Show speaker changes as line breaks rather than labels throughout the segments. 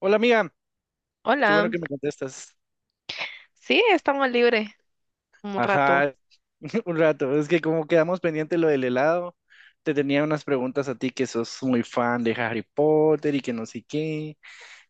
Hola amiga, qué bueno
Hola,
que me contestas.
sí, estamos libres un rato.
Ajá, un rato. Es que como quedamos pendiente lo del helado, te tenía unas preguntas a ti que sos muy fan de Harry Potter y que no sé qué.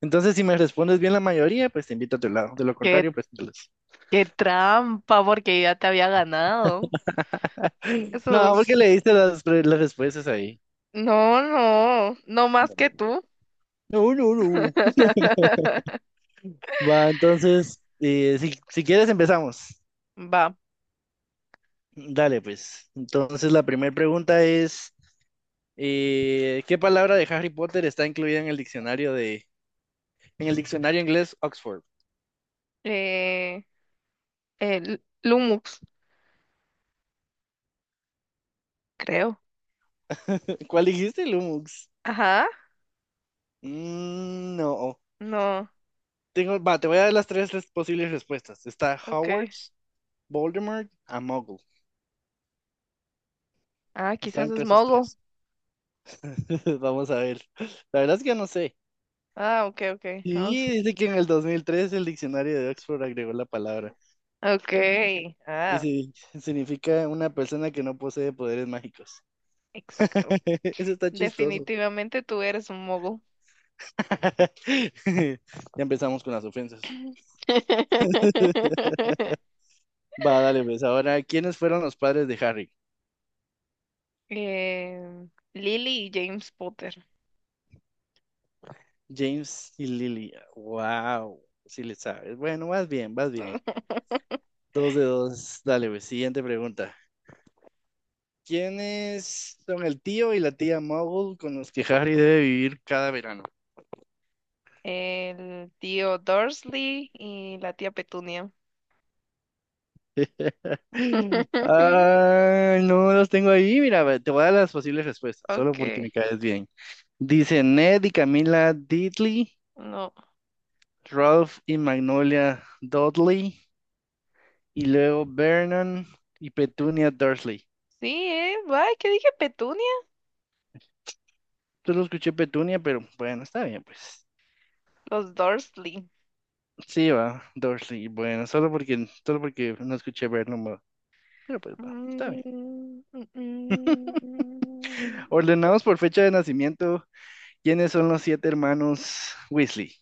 Entonces, si me respondes bien la mayoría, pues te invito a tu helado. De lo
Qué,
contrario, pues no.
qué trampa, porque ya te había ganado. Eso
No, porque
es...
le diste las respuestas ahí.
No, no, no más que tú.
No, no, no. Va, entonces, si quieres empezamos.
Va.
Dale, pues. Entonces, la primera pregunta es... ¿qué palabra de Harry Potter está incluida en el diccionario inglés Oxford?
Eh, el Lumux, creo.
¿Cuál dijiste, Lumux?
Ajá,
Mm, no.
no,
Tengo, va, te voy a dar las tres posibles respuestas. Está
ok.
Hogwarts, Voldemort, a Muggle.
Ah,
Está
quizás es
entre esas
Mogo.
tres. Vamos a ver. La verdad es que no sé.
Ah, ok, ok. Vamos.
Sí, dice que en el 2003 el diccionario de Oxford agregó la palabra.
Ok,
Y
ah,
sí, significa una persona que no posee poderes mágicos.
exacto.
Eso está chistoso.
Definitivamente tú eres un Mogo.
Ya empezamos con las ofensas. Va, dale, pues. Ahora, ¿quiénes fueron los padres de Harry?
Eh, Lily y James Potter.
James y Lily. Wow, sí le sabes. Bueno, vas bien, vas bien. Dos de dos. Dale, pues. Siguiente pregunta. ¿Quiénes son el tío y la tía Muggle con los que Harry debe vivir cada verano?
El tío Dursley y la tía Petunia.
Ah, no los tengo ahí. Mira, ve, te voy a dar las posibles respuestas, solo porque me
Okay,
caes bien. Dice Ned y Camila Diddley,
no.
Ralph y Magnolia Dudley, y luego Vernon y Petunia Dursley.
Sí, ¿eh? Ay, ¿qué dije? Petunia.
Yo lo escuché Petunia, pero bueno, está bien, pues.
Los Dursley.
Sí, va, Dursley, bueno, solo porque no escuché Vernon, va, pero pues va, está
Mm,
bien.
mm, mm. mm.
Ordenados por fecha de nacimiento, ¿quiénes son los siete hermanos Weasley?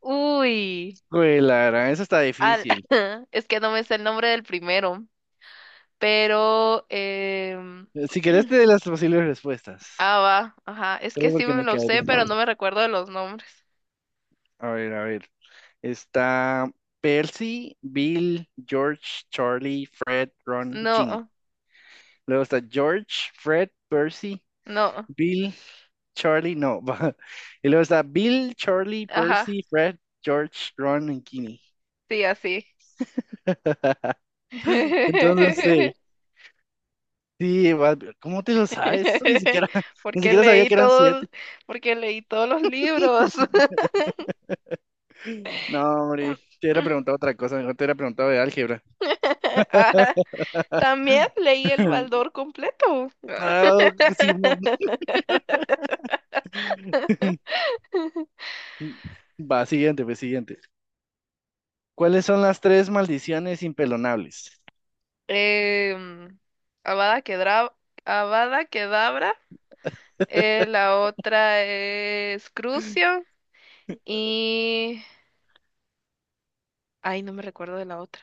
Uy.
Güey, la verdad, eso está
Al...
difícil.
Es que no me sé el nombre del primero, pero...
Si querés, te doy las posibles respuestas,
Ah, va. Ajá. Es que
solo
sí
porque
me
me
lo
quedé
sé,
bien.
pero no me recuerdo de los nombres.
A ver, a ver. Está Percy, Bill, George, Charlie, Fred, Ron, Ginny.
No.
Luego está George, Fred, Percy,
No,
Bill, Charlie, no. Va. Y luego está Bill, Charlie,
ajá,
Percy, Fred, George, Ron y Ginny.
sí, así.
Entonces, sí. Sí, ¿cómo te lo sabes? Eso ni siquiera, ni
Porque
siquiera sabía
leí
que eran
todo,
siete.
el- porque leí todos los libros.
No, hombre, te hubiera preguntado otra cosa, mejor te hubiera preguntado de álgebra.
Ah, también leí el Baldor completo.
Ah, Simón. Va, siguiente, pues siguiente. ¿Cuáles son las tres maldiciones impelonables?
Em, Avada Kedavra, Avada Kedavra, la otra es Crucio y... Ay, no me recuerdo de la otra.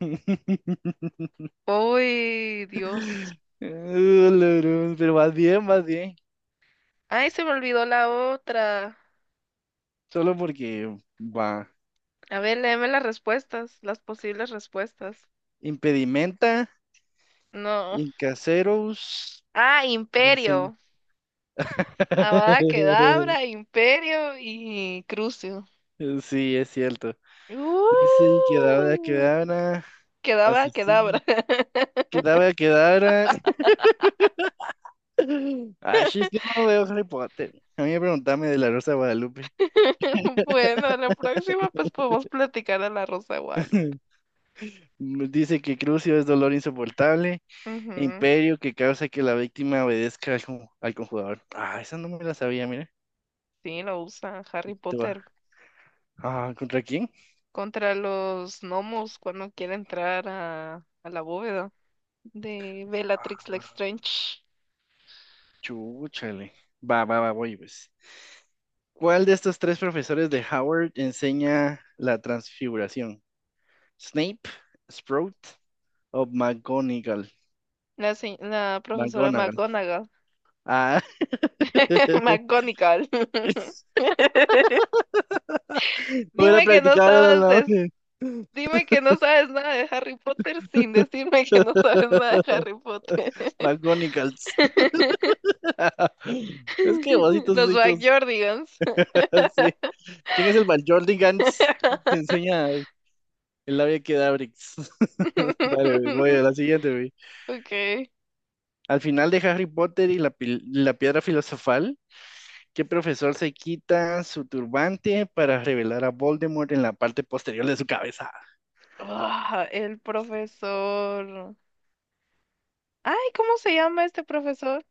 Uy, Dios.
Lorón, pero vas bien, vas bien.
Ay, se me olvidó la otra.
Solo porque va.
A ver, léeme las respuestas, las posibles respuestas.
Impedimenta,
No.
incaseros,
Ah,
incen-
Imperio. Avada Kedavra, Imperio y Crucio.
Sí, es cierto. Sí, quedaba,
Uh,
quedaba, asesino,
Kedavra.
quedaba, quedaba. Ay, es que no veo Harry Potter. A mí me preguntame de la Rosa de Guadalupe.
Bueno, la próxima pues podemos platicar de la Rosa de Guadalupe.
Dice que Crucio es dolor insoportable, e
Ujú.
Imperio que causa que la víctima obedezca al conjurador. Ah, esa no me la sabía, mira.
Sí, lo usa Harry
Te va.
Potter
Ah, ¿contra quién?
contra los gnomos cuando quiere entrar a la bóveda de Bellatrix
Ah,
Lestrange,
chúchale. Va, va, va, voy pues. ¿Cuál de estos tres profesores de Howard enseña la transfiguración? ¿Snape, Sprout o McGonagall?
la profesora
McGonagall.
McGonagall.
Ah,
McGonagall.
hubiera
Dime que no
practicado los
sabes de-
nombres.
dime que no sabes nada de Harry Potter sin decirme que no sabes nada de Harry Potter.
McGonigals. Es que ositos,
Los
ositos.
Backyardigans.
Sí. ¿Quién es el Gans que enseña el labia Quedabrix? Dale, güey, voy a la siguiente, güey.
Okay.
Al final de Harry Potter y la piedra filosofal, ¿qué profesor se quita su turbante para revelar a Voldemort en la parte posterior de su cabeza?
Ah, el profesor. Ay, ¿cómo se llama este profesor?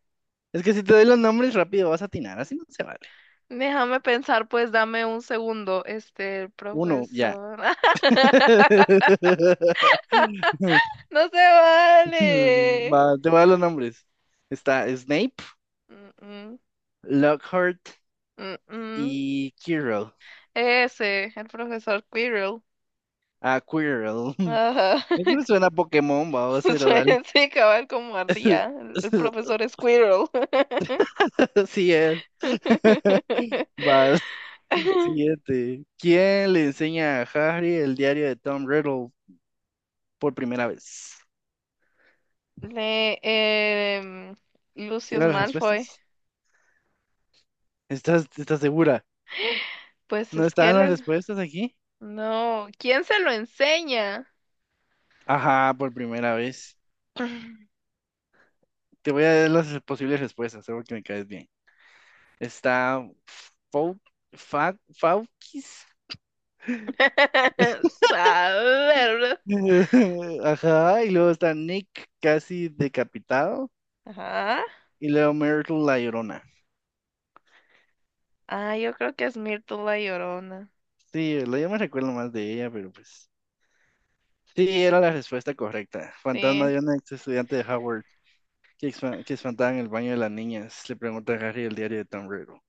Es que si te doy los nombres rápido vas a atinar, así no se vale.
Déjame pensar, pues dame un segundo. Este, el
Uno, ya.
profesor. No se vale.
Va, te voy a dar los nombres. Está Snape,
Mm,
Lockhart
mm, mm, mm.
y Quirrell.
Ese, el profesor Quirrell.
Ah, Quirrell.
Ajá.
Eso me suena a Pokémon, va pero dale.
Sí, cabal, como ardía. El profesor Squirrel.
Sí es. Va, siguiente. ¿Quién le enseña a Harry el diario de Tom Riddle por primera vez?
Le, em, Lucius
¿Quieren las
Malfoy.
respuestas? ¿Estás segura?
Pues
¿No
es que
están las
les...
respuestas aquí?
No, ¿quién se lo enseña?
Ajá, por primera vez. Te voy a dar las posibles respuestas, seguro que me caes bien. Está Fau, Faukis.
Saber.
Ajá, y luego está Nick casi decapitado.
Ajá.
Y luego Myrtle la Llorona.
Ah, yo creo que es Myrtle la Llorona.
Sí, yo me recuerdo más de ella, pero pues. Sí, era la respuesta correcta. Fantasma
Sí.
de una ex estudiante de Howard que espantaba en el baño de las niñas. Le pregunta a Harry el diario de Tom Riddle.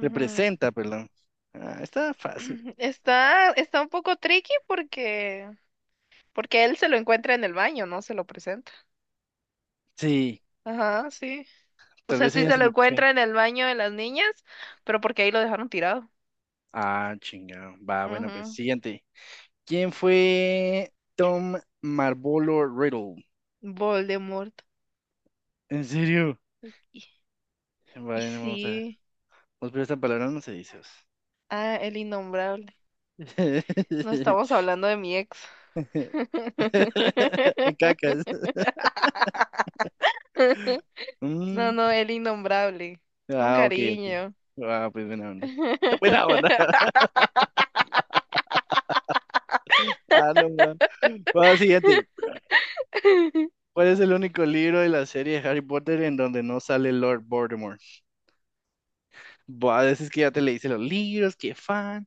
Le presenta, perdón. Ah, está fácil.
Está un poco tricky porque porque él se lo encuentra en el baño, no se lo presenta.
Sí,
Ajá, sí. O
tal
sea,
vez
sí
ella
se
se
lo
lo puso ahí.
encuentra en el baño de las niñas, pero porque ahí lo dejaron tirado.
Ah, chingado. Va, bueno, pues
Ujú.
siguiente. ¿Quién fue Tom Marvolo Riddle?
Voldemort.
¿En serio?
Y, y
Vale, no, vamos a ver.
sí.
Vamos a ver, esta palabra no se dice.
Ah, el innombrable. No estamos hablando de mi ex.
Cacas.
No,
Mm,
no, el innombrable. Con
ah, ok, ok.
cariño.
Ah, pues buena onda. Buena onda. Ah, no, man. Vamos al siguiente. ¿Cuál es el único libro de la serie de Harry Potter en donde no sale Lord Voldemort? Buah, a veces que ya te leíste los libros, qué fan.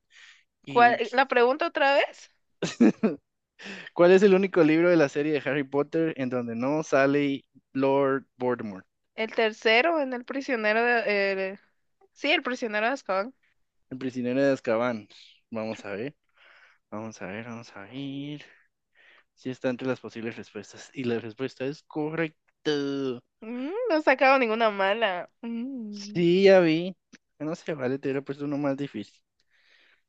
Y.
¿Cuál, la pregunta otra vez?
¿Cuál es el único libro de la serie de Harry Potter en donde no sale Lord Voldemort?
El tercero en el prisionero de... el- sí, el prisionero de Azkaban.
El prisionero de Azkaban. Vamos a ver, vamos a ver, vamos a ver. Si está entre las posibles respuestas. Y la respuesta es correcta.
Mm, no he sacado ninguna mala. Mm.
Sí, ya vi. No sé, vale, te hubiera puesto uno más difícil.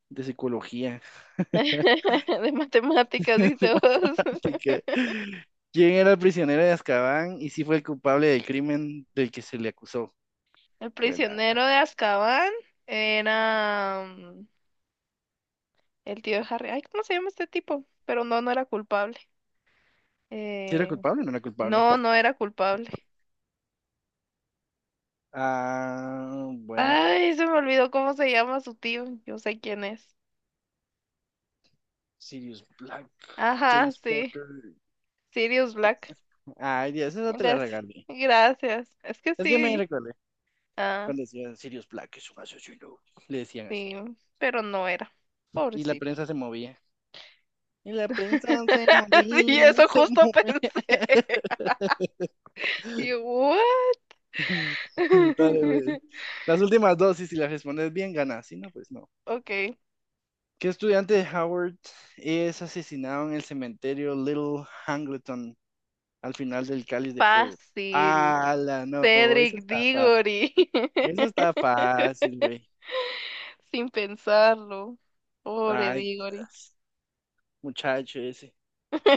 De psicología.
De matemáticas,
De
dice vos.
matemática. ¿Quién era el prisionero de Azkaban y si fue el culpable del crimen del que se le acusó?
El
Cuela.
prisionero de Azkaban era el tío de Harry. Ay, ¿cómo se llama este tipo? Pero no, no era culpable.
¿Si era
Eh,
culpable o no era culpable?
no, no era culpable.
Ah, bueno,
Ay, se me olvidó cómo se llama su tío. Yo sé quién es.
Sirius Black,
Ajá,
James
sí.
Potter.
Sirius Black.
Ay, Dios, esa te la
Gracias.
regalé.
Gracias. Es que
Es que me
sí.
recordé
Ah,
cuando decían Sirius Black es un asesino. Le decían así.
sí. Pero no era.
Y la
Pobrecito.
prensa se movía. Y la prensa se
Sí,
movía,
eso
se
justo
movía.
pensé. Y yo, "What?".
Dale, pues. Las últimas dos, y si las respondes bien, ganas. Si no, pues no.
Ok,
¿Qué estudiante de Howard es asesinado en el cementerio Little Hangleton al final del cáliz de fuego?
fácil.
La no, eso
Cedric
está fácil.
Diggory.
Eso está fácil, güey.
Sin pensarlo. Pobre
Ay,
Diggory.
Dios. Muchacho ese.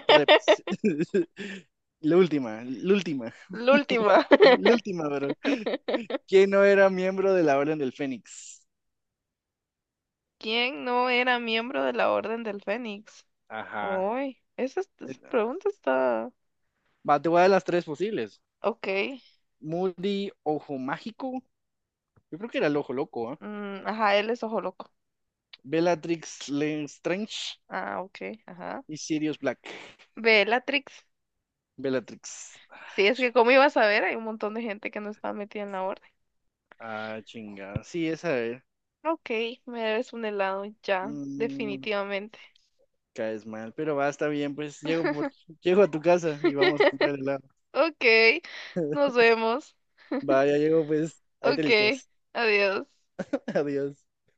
Dale, pues. La última,
La última.
la última, pero ¿quién no era miembro de la Orden del Fénix?
¿Quién no era miembro de la Orden del Fénix?
Ajá.
Uy, esa pregunta está...
Va, te voy a dar las tres posibles.
Ok.
Moody Ojo Mágico. Yo creo que era el Ojo Loco, ¿ah?
Mm, ajá, él es ojo loco.
Bellatrix Lestrange
Ah, ok, ajá.
y Sirius Black.
Bellatrix.
Bellatrix. Ah,
Sí, es que como iba a saber, hay un montón de gente que no está metida en la orden.
Ah, chingada. Sí, esa es.
Ok, me debes un helado ya,
Mm,
definitivamente.
caes mal, pero va, está bien, pues llego a tu casa y vamos a comprar helado.
Ok, nos vemos.
Va, ya llego, pues, ahí te
Ok,
listas.
adiós.
Adiós.